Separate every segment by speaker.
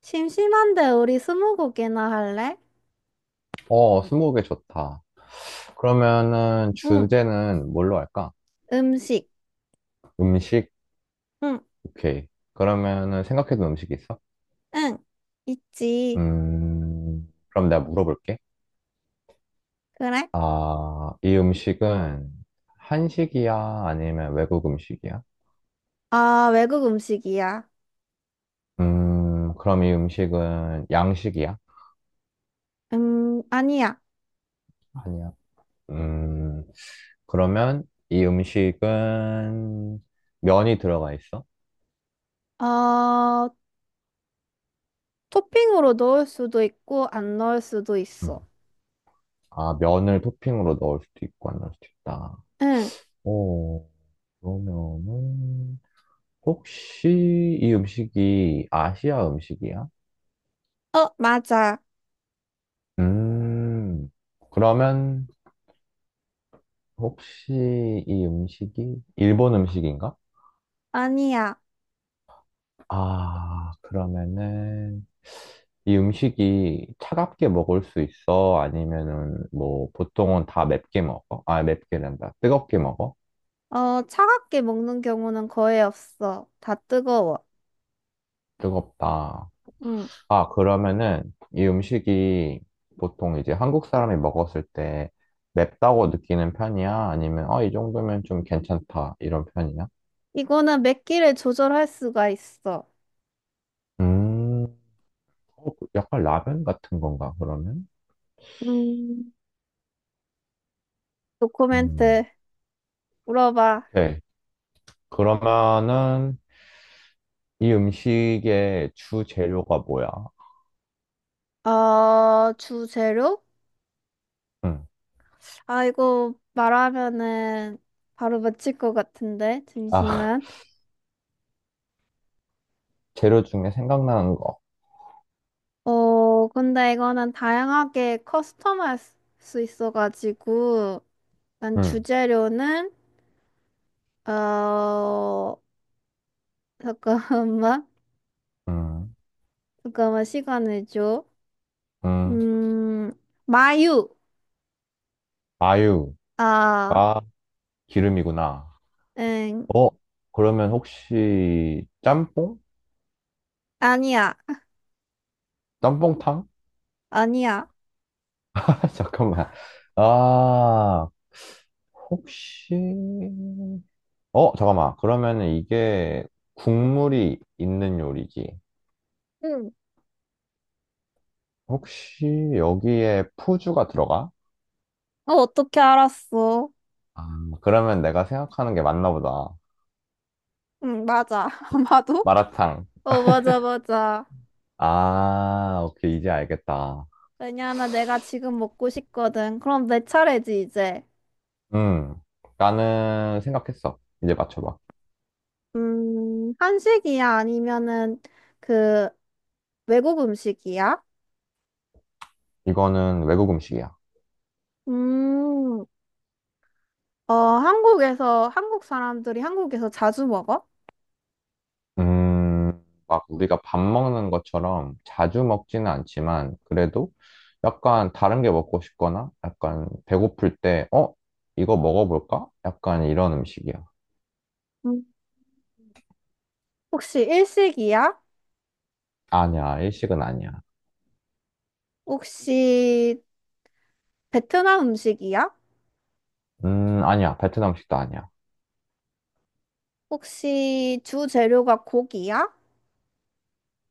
Speaker 1: 심심한데 우리 스무고개나 할래?
Speaker 2: 어, 스무고개 좋다. 그러면은
Speaker 1: 응,
Speaker 2: 주제는 뭘로 할까?
Speaker 1: 음식.
Speaker 2: 음식?
Speaker 1: 응,
Speaker 2: 오케이. 그러면은 생각해둔 음식이 있어?
Speaker 1: 응, 있지.
Speaker 2: 그럼 내가 물어볼게.
Speaker 1: 그래?
Speaker 2: 아, 이 음식은 한식이야? 아니면 외국 음식이야?
Speaker 1: 아, 외국 음식이야.
Speaker 2: 그럼 이 음식은 양식이야?
Speaker 1: 아니야.
Speaker 2: 아니야. 음, 그러면 이 음식은 면이 들어가 있어?
Speaker 1: 어, 토핑으로 넣을 수도 있고, 안 넣을 수도
Speaker 2: 음.
Speaker 1: 있어.
Speaker 2: 아, 면을 토핑으로 넣을 수도 있고 안 넣을 수도 있다.
Speaker 1: 응,
Speaker 2: 오. 그러면은 혹시 이 음식이 아시아 음식이야?
Speaker 1: 어, 맞아.
Speaker 2: 음, 그러면 혹시 이 음식이 일본 음식인가?
Speaker 1: 아니야.
Speaker 2: 아, 그러면은 이 음식이 차갑게 먹을 수 있어? 아니면은 뭐 보통은 다 맵게 먹어? 아, 맵게란다. 뜨겁게 먹어?
Speaker 1: 어, 차갑게 먹는 경우는 거의 없어. 다 뜨거워.
Speaker 2: 뜨겁다.
Speaker 1: 응.
Speaker 2: 아, 그러면은 이 음식이 보통 이제 한국 사람이 먹었을 때 맵다고 느끼는 편이야? 아니면 어, 이 정도면 좀 괜찮다 이런 편이야?
Speaker 1: 이거는 맵기를 조절할 수가 있어.
Speaker 2: 음, 어, 그 약간 라면 같은 건가, 그러면?
Speaker 1: 음,
Speaker 2: 음,
Speaker 1: 도코멘트 물어봐.
Speaker 2: 오케이. 그러면은 이 음식의 주 재료가 뭐야?
Speaker 1: 어, 주재료?
Speaker 2: 음,
Speaker 1: 아, 이거 말하면은 바로 맞힐 것 같은데,
Speaker 2: 아,
Speaker 1: 잠시만.
Speaker 2: 재료 중에 생각나는 거.
Speaker 1: 어, 근데 이거는 다양하게 커스텀할 수수 있어가지고, 난
Speaker 2: 음,
Speaker 1: 주재료는, 어, 잠깐만,
Speaker 2: 음,
Speaker 1: 잠깐만, 시간을 줘.
Speaker 2: 음.
Speaker 1: 음, 마유.
Speaker 2: 아유가
Speaker 1: 아,
Speaker 2: 기름이구나.
Speaker 1: 응,
Speaker 2: 어, 그러면 혹시 짬뽕?
Speaker 1: 아니야,
Speaker 2: 짬뽕탕?
Speaker 1: 아니야.
Speaker 2: 아, 잠깐만. 아, 혹시, 잠깐만. 그러면은 이게 국물이 있는 요리지.
Speaker 1: 응.
Speaker 2: 혹시 여기에 푸주가 들어가?
Speaker 1: 어, 어떻게 알았어?
Speaker 2: 아, 그러면 내가 생각하는 게 맞나 보다.
Speaker 1: 응, 맞아. 아마도?
Speaker 2: 마라탕.
Speaker 1: 어, 맞아, 맞아.
Speaker 2: 아, 오케이. 이제 알겠다.
Speaker 1: 왜냐하면 내가 지금 먹고 싶거든. 그럼 내 차례지, 이제.
Speaker 2: 음, 나는 생각했어. 이제 맞춰봐.
Speaker 1: 한식이야? 아니면은 그 외국 음식이야?
Speaker 2: 이거는 외국 음식이야.
Speaker 1: 음, 어, 한국에서, 한국 사람들이 한국에서 자주 먹어?
Speaker 2: 막 우리가 밥 먹는 것처럼 자주 먹지는 않지만, 그래도 약간 다른 게 먹고 싶거나, 약간 배고플 때, 어? 이거 먹어볼까? 약간 이런 음식이야.
Speaker 1: 음. 혹시 일식이야?
Speaker 2: 아니야, 일식은 아니야.
Speaker 1: 혹시 베트남 음식이야?
Speaker 2: 아니야, 베트남 음식도 아니야.
Speaker 1: 혹시 주 재료가 고기야?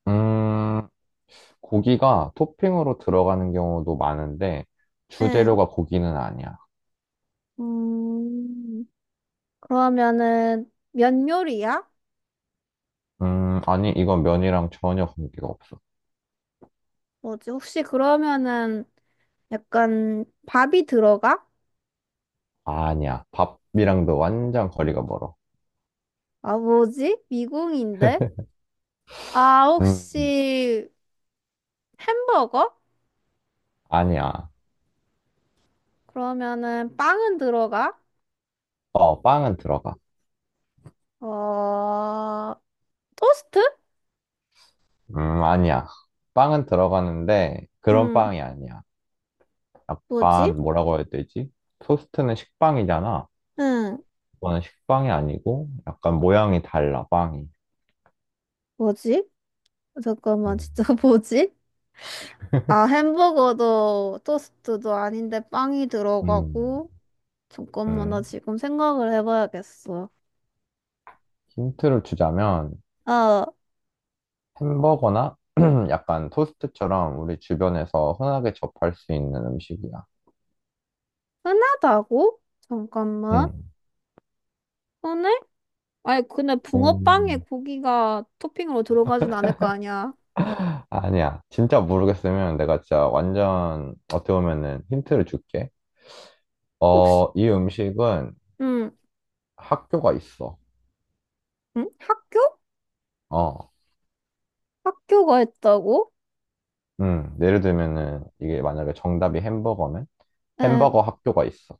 Speaker 2: 음, 고기가 토핑으로 들어가는 경우도 많은데,
Speaker 1: 응.
Speaker 2: 주재료가 고기는 아니야.
Speaker 1: 음, 그러면은 면 요리야?
Speaker 2: 아니, 이건 면이랑 전혀 관계가 없어.
Speaker 1: 뭐지? 혹시 그러면은 약간 밥이 들어가?
Speaker 2: 아니야, 밥이랑도 완전 거리가 멀어.
Speaker 1: 아, 뭐지? 미궁인데? 아,
Speaker 2: 음,
Speaker 1: 혹시 햄버거?
Speaker 2: 아니야.
Speaker 1: 그러면은 빵은 들어가?
Speaker 2: 어, 빵은 들어가.
Speaker 1: 어, 토스트?
Speaker 2: 아니야. 빵은 들어가는데 그런
Speaker 1: 음,
Speaker 2: 빵이 아니야.
Speaker 1: 뭐지?
Speaker 2: 약간 뭐라고 해야 되지? 토스트는 식빵이잖아.
Speaker 1: 응,
Speaker 2: 이거는 식빵이 아니고 약간 모양이 달라, 빵이.
Speaker 1: 뭐지? 잠깐만,
Speaker 2: 음,
Speaker 1: 진짜 뭐지? 아, 햄버거도 토스트도 아닌데 빵이
Speaker 2: 음,
Speaker 1: 들어가고. 잠깐만, 나
Speaker 2: 음.
Speaker 1: 지금 생각을 해봐야겠어.
Speaker 2: 힌트를 주자면
Speaker 1: 아,
Speaker 2: 햄버거나 약간 토스트처럼 우리 주변에서 흔하게 접할 수 있는 음식이야.
Speaker 1: 흔하다고? 잠깐만.
Speaker 2: 음.
Speaker 1: 흔해? 아니, 근데 붕어빵에
Speaker 2: 음.
Speaker 1: 고기가 토핑으로 들어가진 않을 거 아니야.
Speaker 2: 아니야. 진짜 모르겠으면 내가 진짜 완전 어떻게 보면은 힌트를 줄게.
Speaker 1: 혹시,
Speaker 2: 어, 이 음식은
Speaker 1: 음,
Speaker 2: 학교가 있어.
Speaker 1: 음? 학교?
Speaker 2: 어,
Speaker 1: 학교가 했다고?
Speaker 2: 예를 들면은 이게 만약에 정답이 햄버거면
Speaker 1: 에,
Speaker 2: 햄버거 학교가 있어.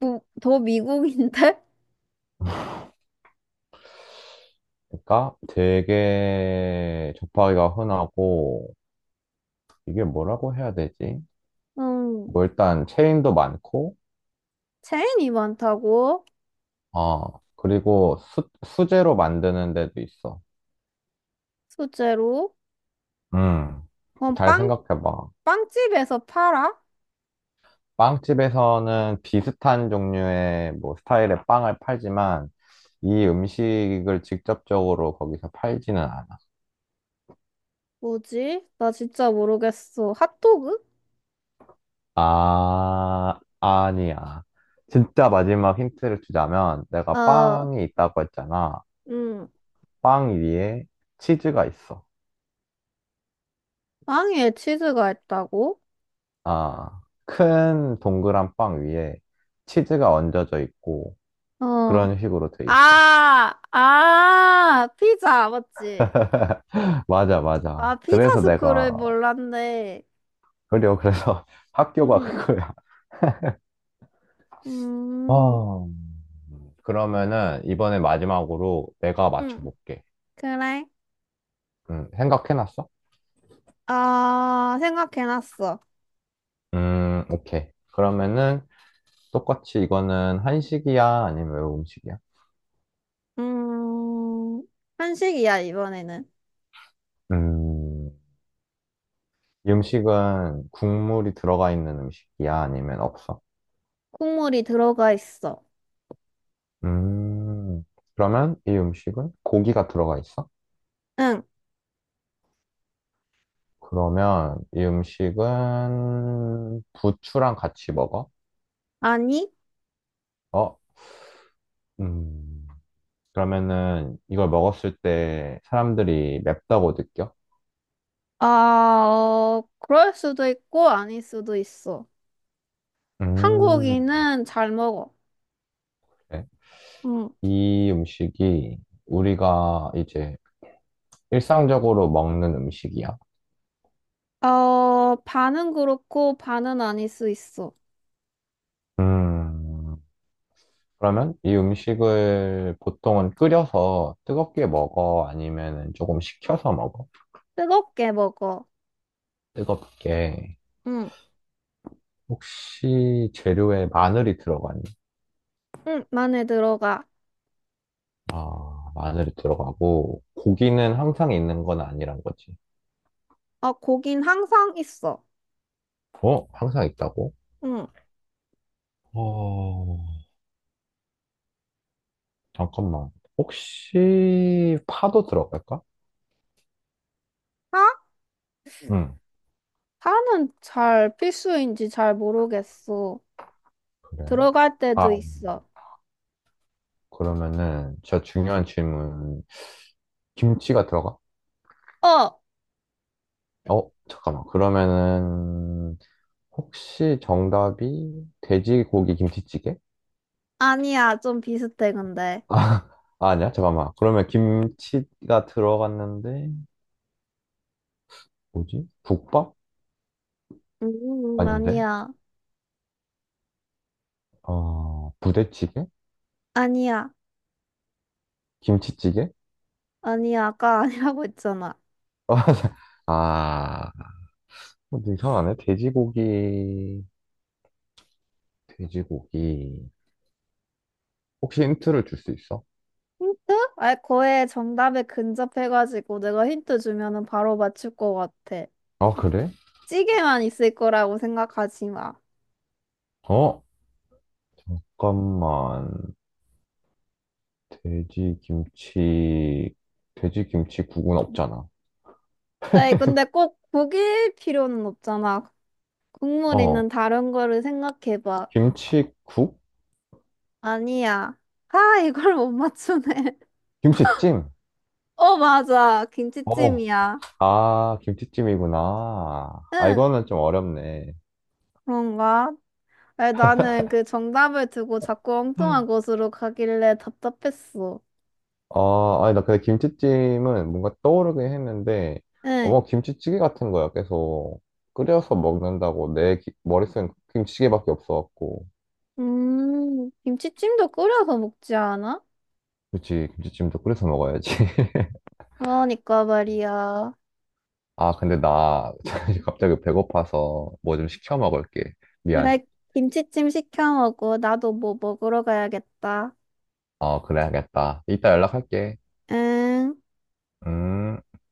Speaker 1: 뭐, 더 미국인데?
Speaker 2: 그러니까 되게 접하기가 흔하고 이게 뭐라고 해야 되지?
Speaker 1: 음,
Speaker 2: 뭐 일단 체인도 많고,
Speaker 1: 체인이 많다고?
Speaker 2: 어, 그리고 수제로 만드는 데도 있어.
Speaker 1: 소재로?
Speaker 2: 음,
Speaker 1: 그럼
Speaker 2: 잘
Speaker 1: 빵,
Speaker 2: 생각해봐.
Speaker 1: 빵집에서 팔아?
Speaker 2: 빵집에서는 비슷한 종류의 뭐 스타일의 빵을 팔지만 이 음식을 직접적으로 거기서 팔지는 않아.
Speaker 1: 뭐지? 나 진짜 모르겠어. 핫도그?
Speaker 2: 아, 아니야. 진짜 마지막 힌트를 주자면 내가
Speaker 1: 어,
Speaker 2: 빵이 있다고 했잖아.
Speaker 1: 음,
Speaker 2: 빵 위에 치즈가 있어.
Speaker 1: 빵에 치즈가 있다고?
Speaker 2: 아, 큰 동그란 빵 위에 치즈가 얹어져 있고
Speaker 1: 어,
Speaker 2: 그런 식으로 돼 있어.
Speaker 1: 아, 아, 피자, 맞지?
Speaker 2: 맞아, 맞아.
Speaker 1: 아, 피자
Speaker 2: 그래서 내가,
Speaker 1: 스쿨을 몰랐네.
Speaker 2: 그리고 그래서 학교가
Speaker 1: 응,
Speaker 2: 그거야.
Speaker 1: 음,
Speaker 2: 어. 그러면은 이번에 마지막으로 내가
Speaker 1: 음,
Speaker 2: 맞춰볼게.
Speaker 1: 그래.
Speaker 2: 생각해놨어?
Speaker 1: 아, 생각해놨어.
Speaker 2: 오케이. 그러면은 똑같이 이거는 한식이야? 아니면 외국 음식이야?
Speaker 1: 음, 한식이야, 이번에는.
Speaker 2: 음, 이 음식은 국물이 들어가 있는 음식이야? 아니면 없어?
Speaker 1: 국물이 들어가 있어.
Speaker 2: 음, 그러면 이 음식은 고기가 들어가 있어?
Speaker 1: 응,
Speaker 2: 그러면 이 음식은 부추랑 같이 먹어?
Speaker 1: 아니?
Speaker 2: 어? 음, 그러면은 이걸 먹었을 때 사람들이 맵다고 느껴?
Speaker 1: 아, 어, 그럴 수도 있고, 아닐 수도 있어.
Speaker 2: 음,
Speaker 1: 한국인은 잘 먹어.
Speaker 2: 네.
Speaker 1: 응.
Speaker 2: 이 음식이 우리가 이제 일상적으로 먹는 음식이야.
Speaker 1: 어, 반은 그렇고, 반은 아닐 수 있어.
Speaker 2: 음, 그러면 이 음식을 보통은 끓여서 뜨겁게 먹어? 아니면 조금 식혀서 먹어?
Speaker 1: 뜨겁게 먹어.
Speaker 2: 뜨겁게.
Speaker 1: 응,
Speaker 2: 혹시 재료에 마늘이 들어가니?
Speaker 1: 응, 만에 들어가.
Speaker 2: 아, 마늘이 들어가고, 고기는 항상 있는 건 아니란 거지.
Speaker 1: 어, 고긴 항상 있어.
Speaker 2: 어? 항상 있다고?
Speaker 1: 응.
Speaker 2: 어, 잠깐만. 혹시 파도 들어갈까?
Speaker 1: 아?
Speaker 2: 응.
Speaker 1: 다는 잘 필수인지 잘 모르겠어.
Speaker 2: 그래.
Speaker 1: 들어갈 때도
Speaker 2: 아,
Speaker 1: 있어.
Speaker 2: 그러면은 진짜 중요한 질문. 김치가 들어가?
Speaker 1: 어,
Speaker 2: 어, 잠깐만. 그러면은 혹시 정답이 돼지고기 김치찌개?
Speaker 1: 아니야. 좀 비슷해, 근데.
Speaker 2: 아, 아, 아니야. 잠깐만. 그러면 김치가 들어갔는데 뭐지? 국밥? 아닌데?
Speaker 1: 아니야.
Speaker 2: 어, 부대찌개?
Speaker 1: 아니야.
Speaker 2: 김치찌개?
Speaker 1: 아니야. 아까 아니라고 했잖아.
Speaker 2: 아, 뭐 이상하네. 돼지고기. 혹시 힌트를 줄 수 있어?
Speaker 1: 힌트? 아, 거의 정답에 근접해가지고 내가 힌트 주면은 바로 맞출 것 같아.
Speaker 2: 아, 그래?
Speaker 1: 찌개만 있을 거라고 생각하지 마.
Speaker 2: 어, 잠깐만. 돼지 김치, 돼지 김치국은 없잖아.
Speaker 1: 에이, 근데 꼭 고기일 필요는 없잖아. 국물
Speaker 2: 어,
Speaker 1: 있는 다른 거를 생각해봐.
Speaker 2: 김치국?
Speaker 1: 아니야. 아, 이걸 못 맞추네.
Speaker 2: 김치찜?
Speaker 1: 어, 맞아.
Speaker 2: 어,
Speaker 1: 김치찜이야.
Speaker 2: 아, 김치찜이구나. 아,
Speaker 1: 응,
Speaker 2: 이거는 좀 어렵네.
Speaker 1: 그런가? 아니, 나는 그 정답을 두고 자꾸 엉뚱한 곳으로 가길래 답답했어.
Speaker 2: 아, 아니, 나 근데 김치찜은 뭔가 떠오르긴 했는데,
Speaker 1: 응.
Speaker 2: 어머, 김치찌개 같은 거야. 계속 끓여서 먹는다고 내 머릿속엔 김치찌개밖에 없어갖고.
Speaker 1: 김치찜도 끓여서 먹지 않아?
Speaker 2: 그치, 김치찜도 끓여서 먹어야지.
Speaker 1: 그러니까 말이야.
Speaker 2: 아, 근데 나 갑자기 배고파서 뭐 좀 시켜 먹을게.
Speaker 1: 그래,
Speaker 2: 미안.
Speaker 1: 김치찜 시켜 먹어. 나도 뭐 먹으러 가야겠다.
Speaker 2: 어, 그래야겠다. 이따 연락할게.
Speaker 1: 응.
Speaker 2: 음.